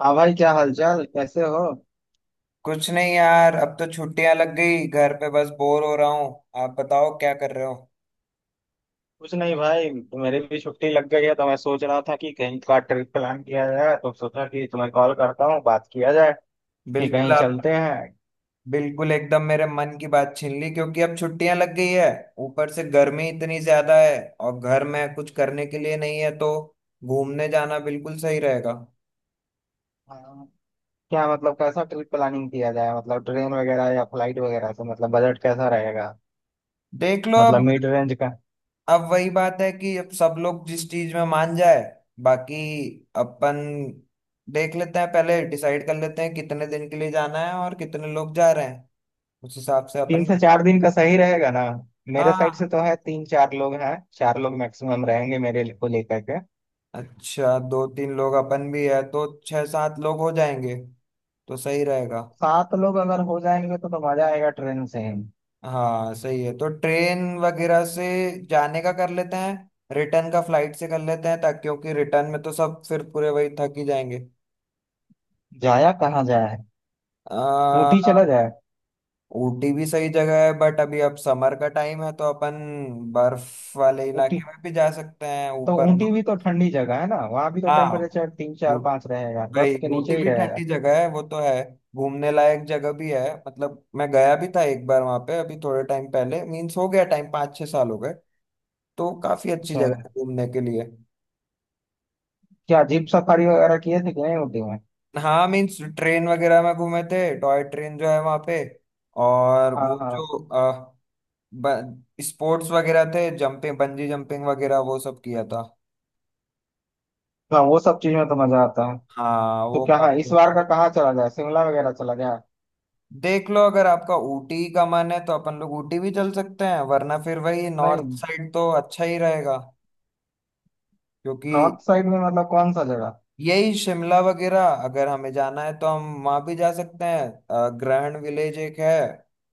हाँ भाई, क्या हालचाल, कैसे हो? कुछ नहीं यार। अब तो छुट्टियां लग गई, घर पे बस बोर हो रहा हूँ। आप बताओ क्या कर रहे हो। कुछ नहीं भाई, मेरी भी छुट्टी लग गई है तो मैं सोच रहा था कि कहीं का ट्रिप प्लान किया जाए, तो सोचा कि तुम्हें कॉल करता हूँ, बात किया जाए कि बिल्कुल कहीं आप चलते हैं। बिल्कुल एकदम मेरे मन की बात छीन ली, क्योंकि अब छुट्टियां लग गई है। ऊपर से गर्मी इतनी ज्यादा है और घर में कुछ करने के लिए नहीं है, तो घूमने जाना बिल्कुल सही रहेगा। हाँ, क्या मतलब कैसा ट्रिप प्लानिंग किया जाए? मतलब ट्रेन वगैरह या फ्लाइट वगैरह से? मतलब बजट कैसा रहेगा? देख लो मतलब अब। मिड रेंज का। अब वही बात है कि अब सब लोग जिस चीज में मान जाए, बाकी अपन देख लेते हैं। पहले डिसाइड कर लेते हैं कितने दिन के लिए जाना है और कितने लोग जा रहे हैं, उस हिसाब से तीन अपन। से चार दिन का सही रहेगा ना। मेरे साइड से हाँ, तो है, तीन चार लोग हैं, चार लोग मैक्सिमम रहेंगे मेरे को लेकर के। अच्छा दो तीन लोग अपन भी है, तो छह सात लोग हो जाएंगे, तो सही रहेगा। सात लोग अगर हो जाएंगे तो मजा आएगा ट्रेन से ही। हाँ सही है, तो ट्रेन वगैरह से जाने का कर लेते हैं। रिटर्न का फ्लाइट से कर लेते हैं, ताकि क्योंकि रिटर्न में तो सब फिर पूरे वही थक ही जाएंगे। जाया कहाँ जाए? आ, ऊटी चला जाए। ऊटी भी सही जगह है, बट अभी अब समर का टाइम है, तो अपन बर्फ वाले ऊटी इलाके में भी जा सकते हैं, तो ऊपर ऊटी भी तो नॉर्थ। ठंडी जगह है ना, वहां भी तो हाँ टेम्परेचर तीन चार पाँच रहेगा, भाई, दस के ऊटी नीचे ही भी रहेगा। ठंडी जगह है, वो तो है। घूमने लायक जगह भी है, मतलब मैं गया भी था एक बार वहां पे अभी थोड़े टाइम पहले, मीन्स हो गया टाइम, 5-6 साल हो गए। तो काफी अच्छी अच्छा, जगह है घूमने के लिए। क्या जीप सफारी वगैरह किए थे कि नहीं ऊटी में? हाँ मीन्स ट्रेन वगैरह में घूमे थे, टॉय ट्रेन जो है वहां पे। और हाँ वो हाँ जो ब, स्पोर्ट्स वगैरह थे, जंपिंग बंजी जंपिंग वगैरह, वो सब किया था। हाँ, वो सब चीज में तो मजा आता है। हाँ तो वो क्या, हाँ, इस काफी। बार का कहाँ चला जाए, शिमला वगैरह चला जाए? देख लो, अगर आपका ऊटी का मन है तो अपन लोग ऊटी भी चल सकते हैं, वरना फिर वही नॉर्थ नहीं, साइड तो अच्छा ही रहेगा। क्योंकि नॉर्थ साइड में मतलब कौन सा जगह? यही शिमला वगैरह अगर हमें जाना है तो हम वहां भी जा सकते हैं। ग्रहण विलेज एक है,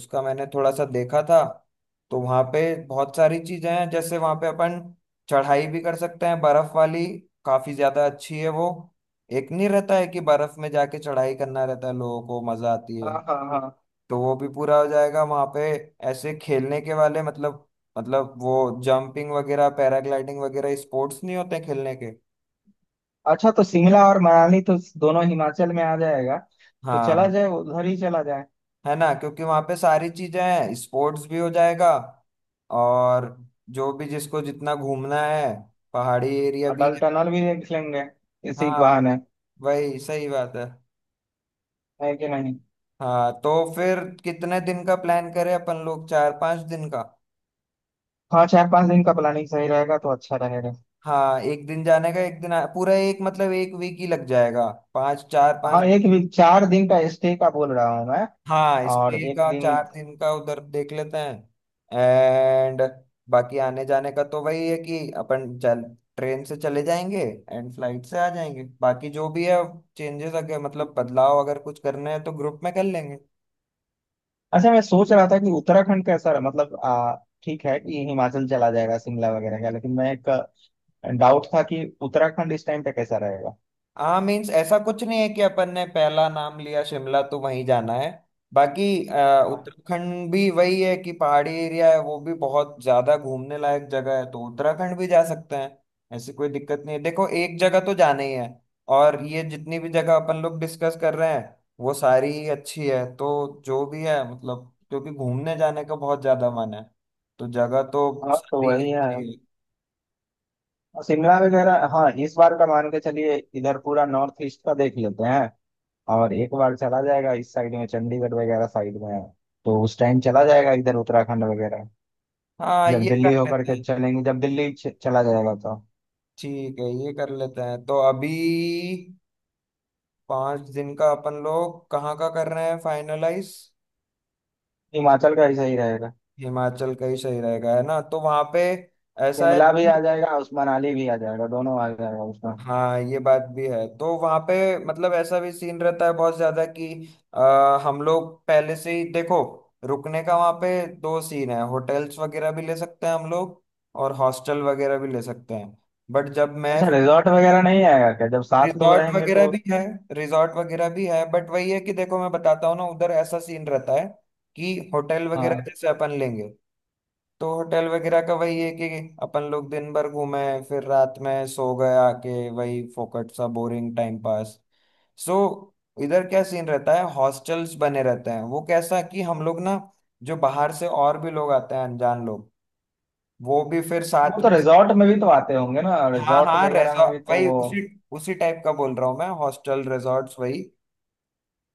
उसका मैंने थोड़ा सा देखा था। तो वहां पे बहुत सारी चीजें हैं, जैसे वहां पे अपन चढ़ाई भी कर सकते हैं, बर्फ वाली। काफी ज्यादा अच्छी है वो। एक नहीं रहता है कि बर्फ में जाके चढ़ाई करना रहता है, लोगों को मजा आती हाँ है, हाँ हाँ, तो वो भी पूरा हो जाएगा वहां पे। ऐसे खेलने के वाले मतलब वो जंपिंग वगैरह पैराग्लाइडिंग वगैरह स्पोर्ट्स नहीं होते खेलने के। अच्छा, तो शिमला और मनाली तो दोनों हिमाचल में आ जाएगा, तो चला हाँ। जाए उधर ही चला जाए। है ना, क्योंकि वहां पे सारी चीजें हैं, स्पोर्ट्स भी हो जाएगा। और जो भी जिसको जितना घूमना है, पहाड़ी एरिया और भी डल है। टनल भी देख लेंगे इसी हाँ बहाने, वही सही बात है। है कि नहीं? हाँ, तो फिर कितने दिन का प्लान करें अपन लोग, 4-5 दिन का। हाँ, चार पांच दिन का प्लानिंग सही रहेगा तो अच्छा रहेगा। हाँ एक दिन जाने का, एक दिन पूरा एक मतलब एक वीक ही लग जाएगा, पाँच, चार हाँ, पाँच। एक वीक, चार दिन का स्टे का बोल रहा हूँ मैं, हाँ और स्टे एक का चार दिन। दिन का उधर देख लेते हैं, एंड बाकी आने जाने का तो वही है कि अपन चल ट्रेन से चले जाएंगे, एंड फ्लाइट से आ जाएंगे। बाकी जो भी है चेंजेस, अगर मतलब बदलाव अगर कुछ करने हैं तो ग्रुप में कर लेंगे। अच्छा, मैं सोच रहा था कि उत्तराखंड कैसा रहा, मतलब ठीक है कि हिमाचल चला जाएगा शिमला वगैरह का, लेकिन मैं एक डाउट था कि उत्तराखंड इस टाइम पे कैसा रहेगा। हाँ मीन्स ऐसा कुछ नहीं है कि अपन ने पहला नाम लिया शिमला तो वहीं जाना है। बाकी हाँ, उत्तराखंड भी वही है कि पहाड़ी एरिया है, वो भी बहुत ज्यादा घूमने लायक जगह है, तो उत्तराखंड भी जा सकते हैं। ऐसी कोई दिक्कत नहीं है। देखो, एक जगह तो जाना ही है और ये जितनी भी जगह अपन लोग डिस्कस कर रहे हैं वो सारी ही अच्छी है, तो जो भी है मतलब, क्योंकि घूमने जाने का बहुत ज्यादा मन है, तो जगह तो हाँ, तो सारी वही है। अच्छी है। और शिमला वगैरह हाँ, इस बार का मान के चलिए इधर पूरा नॉर्थ ईस्ट का देख लेते हैं, और एक बार चला जाएगा इस साइड में, चंडीगढ़ वगैरह साइड में, तो उस टाइम चला जाएगा इधर उत्तराखंड वगैरह। हाँ जब ये कर दिल्ली होकर लेते के हैं। चलेंगे, जब दिल्ली चला जाएगा तो। ठीक है, ये कर लेते हैं, तो अभी 5 दिन का अपन लोग कहाँ का कर रहे हैं फाइनलाइज। हिमाचल का ऐसा ही रहेगा। हिमाचल का ही सही रहेगा है ना। तो वहां पे ऐसा है शिमला भी कि आ जाएगा, उस मनाली भी आ जाएगा, दोनों आ जाएगा उसमें। हाँ ये बात भी है, तो वहां पे मतलब ऐसा भी सीन रहता है बहुत ज्यादा कि हम लोग पहले से ही देखो रुकने का वहां पे दो सीन है, होटल्स वगैरह भी ले सकते हैं हम लोग, और हॉस्टल वगैरह भी ले सकते हैं। बट जब मैं अच्छा, रिजॉर्ट वगैरह नहीं आएगा क्या जब सात लोग रिजॉर्ट रहेंगे वगैरह तो? भी है, रिजॉर्ट वगैरह भी है, बट वही है कि देखो मैं बताता हूँ ना, उधर ऐसा सीन रहता है कि होटल वगैरह हाँ, जैसे अपन लेंगे तो होटल वगैरह का वही है कि अपन लोग दिन भर घूमे, फिर रात में सो गए आके वही फोकट सा बोरिंग टाइम पास, सो इधर क्या सीन रहता है, हॉस्टल्स बने रहते हैं, वो कैसा कि हम लोग ना, जो बाहर से और भी लोग आते हैं अनजान लोग, वो भी फिर तो वो साथ तो में। रिजॉर्ट में भी तो आते होंगे ना, हाँ रिजॉर्ट हाँ, वगैरह में रेजॉर्ट भी तो वही, वो उसी उसी टाइप का बोल रहा हूँ मैं, हॉस्टल रिजॉर्ट्स वही,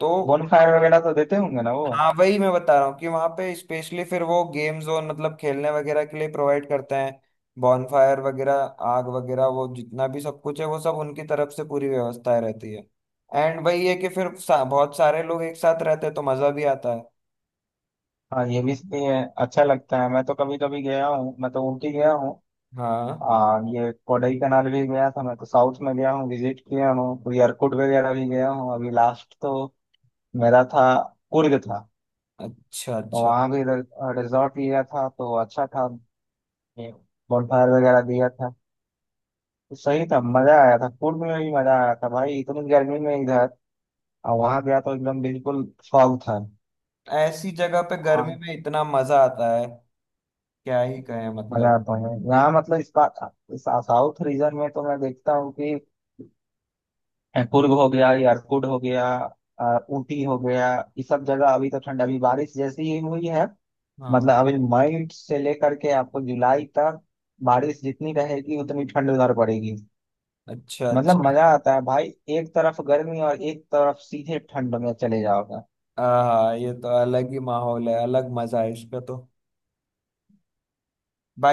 तो बोनफायर वगैरह तो देते होंगे ना वो? हाँ वही मैं बता रहा हूँ कि वहां पे स्पेशली फिर वो गेम जोन मतलब खेलने वगैरह के लिए प्रोवाइड करते हैं, बॉनफायर वगैरह, आग वगैरह, वो जितना भी सब कुछ है वो सब उनकी तरफ से पूरी व्यवस्थाएं रहती है। एंड वही है कि फिर बहुत सारे लोग एक साथ रहते हैं तो मजा भी आता है। हाँ, ये भी, ये अच्छा लगता है। मैं तो कभी कभी गया हूँ, मैं तो ऊटी गया हूँ, हाँ। ये कोडई कनाल भी गया था, मैं तो साउथ में गया हूँ, विजिट किया हूँ, कोई एयरकूट वगैरह भी गया हूँ। अभी लास्ट तो मेरा था कुर्ग था, अच्छा तो अच्छा। वहाँ भी रिजॉर्ट लिया था तो अच्छा था, बॉनफायर वगैरह दिया था, तो सही था, मजा आया था कुर्ग में भी, मजा आया था भाई इतनी गर्मी में इधर, और वहाँ गया तो एकदम बिल्कुल फॉग था। ऐसी जगह पे गर्मी हाँ, में इतना मजा आता है, क्या ही कहें मजा मतलब। आता है यहाँ, मतलब इस बात, इस साउथ रीजन में तो मैं देखता हूँ कि कुर्ग हो गया, यारकुट हो गया, ऊटी हो गया, ये सब जगह अभी तो ठंड, अभी बारिश जैसी ही हुई है। मतलब हाँ, अभी मई से लेकर के आपको जुलाई तक बारिश जितनी रहेगी उतनी ठंड उधर पड़ेगी। अच्छा मतलब अच्छा। मजा आता है भाई, एक तरफ गर्मी और एक तरफ सीधे ठंड में चले जाओगे। हाँ ये तो अलग ही माहौल है, अलग मजा है इसका तो।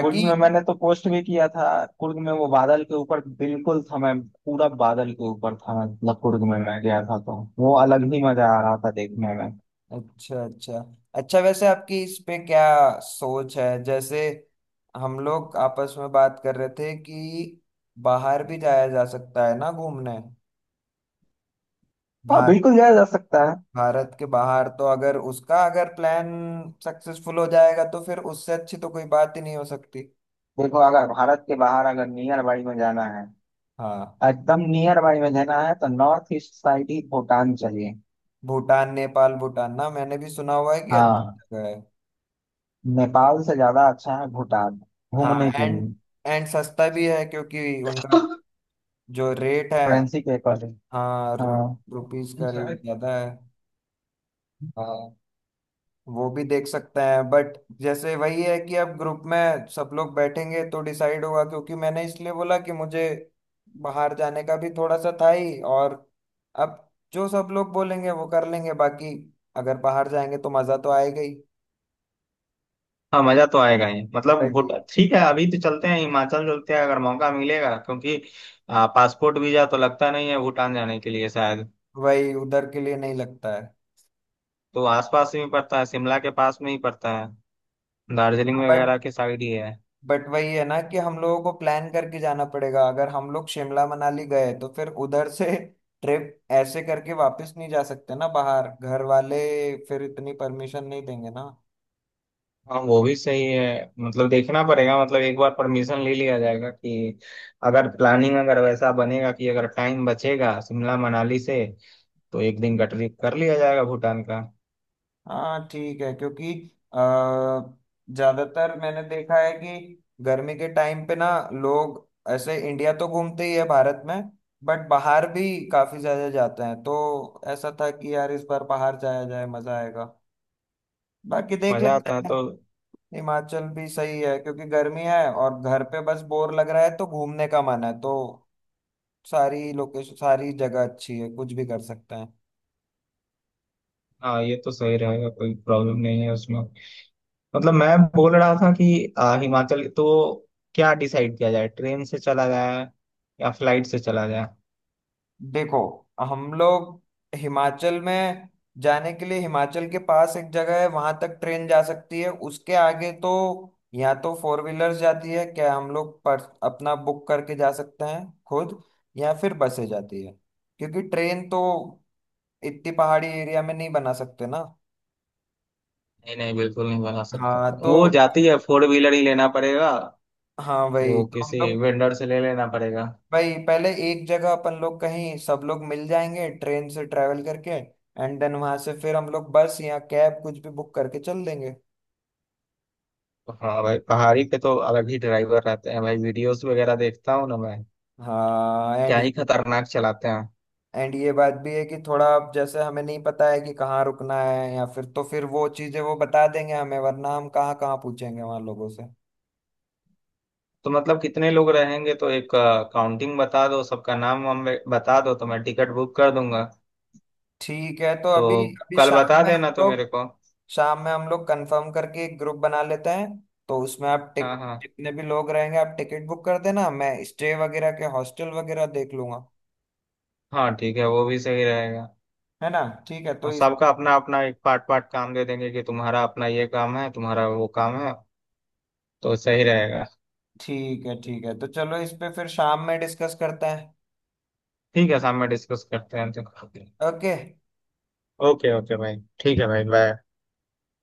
कुर्ग में मैंने तो पोस्ट भी किया था, कुर्ग में वो बादल के ऊपर बिल्कुल था मैं, पूरा बादल के ऊपर था, मतलब कुर्ग में मैं गया था तो वो अलग ही मजा आ रहा था देखने में। अच्छा अच्छा। अच्छा वैसे आपकी इस पे क्या सोच है, जैसे हम लोग आपस में बात कर रहे थे कि बाहर भी जाया जा सकता है ना घूमने। हाँ भा, बिल्कुल जाया जा सकता है। भारत के बाहर तो, अगर उसका अगर प्लान सक्सेसफुल हो जाएगा तो फिर उससे अच्छी तो कोई बात ही नहीं हो सकती। देखो, अगर भारत के बाहर अगर नियर बाई में जाना है, हाँ एकदम नियर बाई में जाना है, तो नॉर्थ ईस्ट साइड ही, भूटान चलिए। भूटान नेपाल, भूटान ना मैंने भी सुना हुआ है कि अच्छी हाँ, जगह है। नेपाल से ज्यादा अच्छा है भूटान हाँ, घूमने के एंड लिए। एंड सस्ता भी है क्योंकि उनका जो रेट है। करेंसी के अकॉर्डिंग। हाँ हाँ, रुपीज का रेट ज्यादा है। हाँ, वो भी देख सकते हैं, बट जैसे वही है कि अब ग्रुप में सब लोग बैठेंगे तो डिसाइड होगा, क्योंकि मैंने इसलिए बोला कि मुझे बाहर जाने का भी थोड़ा सा था ही। और अब जो सब लोग बोलेंगे वो कर लेंगे, बाकी अगर बाहर जाएंगे तो मजा तो आएगा ही। हाँ, मजा तो आएगा ही, मतलब भूट वही ठीक है अभी तो चलते हैं, हिमाचल चलते हैं, अगर मौका मिलेगा क्योंकि पासपोर्ट वीजा तो लगता नहीं है भूटान जाने के लिए शायद, वही उधर के लिए नहीं लगता है। तो आसपास ही पड़ता है, शिमला के पास में ही पड़ता है, दार्जिलिंग बट वगैरह के साइड ही है। बट वही है ना कि हम लोगों को प्लान करके जाना पड़ेगा। अगर हम लोग शिमला मनाली गए तो फिर उधर से ट्रिप ऐसे करके वापस नहीं जा सकते ना, बाहर घर वाले फिर इतनी परमिशन नहीं देंगे ना। हाँ, वो भी सही है, मतलब देखना पड़ेगा, मतलब एक बार परमिशन ले लिया जाएगा कि अगर प्लानिंग अगर वैसा बनेगा कि अगर टाइम बचेगा शिमला मनाली से तो एक दिन गटरी कर लिया जाएगा भूटान का। हाँ ठीक है, क्योंकि अ, ज्यादातर मैंने देखा है कि गर्मी के टाइम पे ना लोग ऐसे इंडिया तो घूमते ही है भारत में, बट बाहर भी काफी ज्यादा जाते हैं। तो ऐसा था कि यार इस बार बाहर जाया जाए, मजा आएगा। बाकी देख मजा लेते आता है हैं। तो। हिमाचल भी सही है क्योंकि गर्मी है और घर पे बस बोर लग रहा है, तो घूमने का मन है, तो सारी लोकेशन सारी जगह अच्छी है, कुछ भी कर सकते हैं। हाँ ये तो सही रहेगा, कोई प्रॉब्लम नहीं है उसमें। मतलब मैं बोल रहा था कि हिमाचल तो क्या डिसाइड किया जाए, ट्रेन से चला जाए या फ्लाइट से चला जाए? देखो हम लोग हिमाचल में जाने के लिए, हिमाचल के पास एक जगह है वहां तक ट्रेन जा सकती है। उसके आगे तो या तो फोर व्हीलर्स जाती है, क्या हम लोग पर अपना बुक करके जा सकते हैं खुद, या फिर बसें जाती है। क्योंकि ट्रेन तो इतनी पहाड़ी एरिया में नहीं बना सकते ना। नहीं नहीं, बिल्कुल नहीं बना सकता। हाँ तो। वो जाती है, फोर व्हीलर ही लेना पड़ेगा, हाँ वही वो तो हम किसी लोग। वेंडर से ले लेना पड़ेगा। भाई पहले एक जगह अपन लोग कहीं सब लोग मिल जाएंगे ट्रेन से ट्रैवल करके, एंड देन वहां से फिर हम लोग बस या कैब कुछ भी बुक करके चल देंगे। हाँ भाई, पहाड़ी पे तो अलग ही ड्राइवर रहते हैं भाई, वीडियोस वगैरह देखता हूँ ना मैं, हाँ, क्या एंड ही खतरनाक चलाते हैं। एंड ये बात भी है कि थोड़ा अब जैसे हमें नहीं पता है कि कहाँ रुकना है, या फिर तो फिर वो चीजें वो बता देंगे हमें, वरना हम कहाँ कहाँ पूछेंगे वहां लोगों से। तो मतलब कितने लोग रहेंगे तो एक काउंटिंग बता दो, सबका नाम हम बता दो तो मैं टिकट बुक कर दूंगा। ठीक है तो अभी तो अभी कल शाम बता में हम देना तो मेरे लोग को। शाम में हम लोग कंफर्म करके एक ग्रुप बना लेते हैं। तो उसमें आप हाँ टिक हाँ जितने भी लोग रहेंगे आप टिकट बुक कर देना, मैं स्टे वगैरह के हॉस्टल वगैरह देख लूंगा। हाँ, ठीक है, वो भी सही रहेगा। है ना। ठीक है तो और इस सबका अपना अपना एक पार्ट पार्ट काम दे देंगे कि तुम्हारा अपना ये काम है, तुम्हारा वो काम है, तो सही रहेगा। ठीक है ठीक है, तो चलो इस पे फिर शाम में डिस्कस करते हैं। ठीक है, शाम में डिस्कस करते हैं तो। ओके। ओके, ओके भाई, ठीक है भाई, बाय।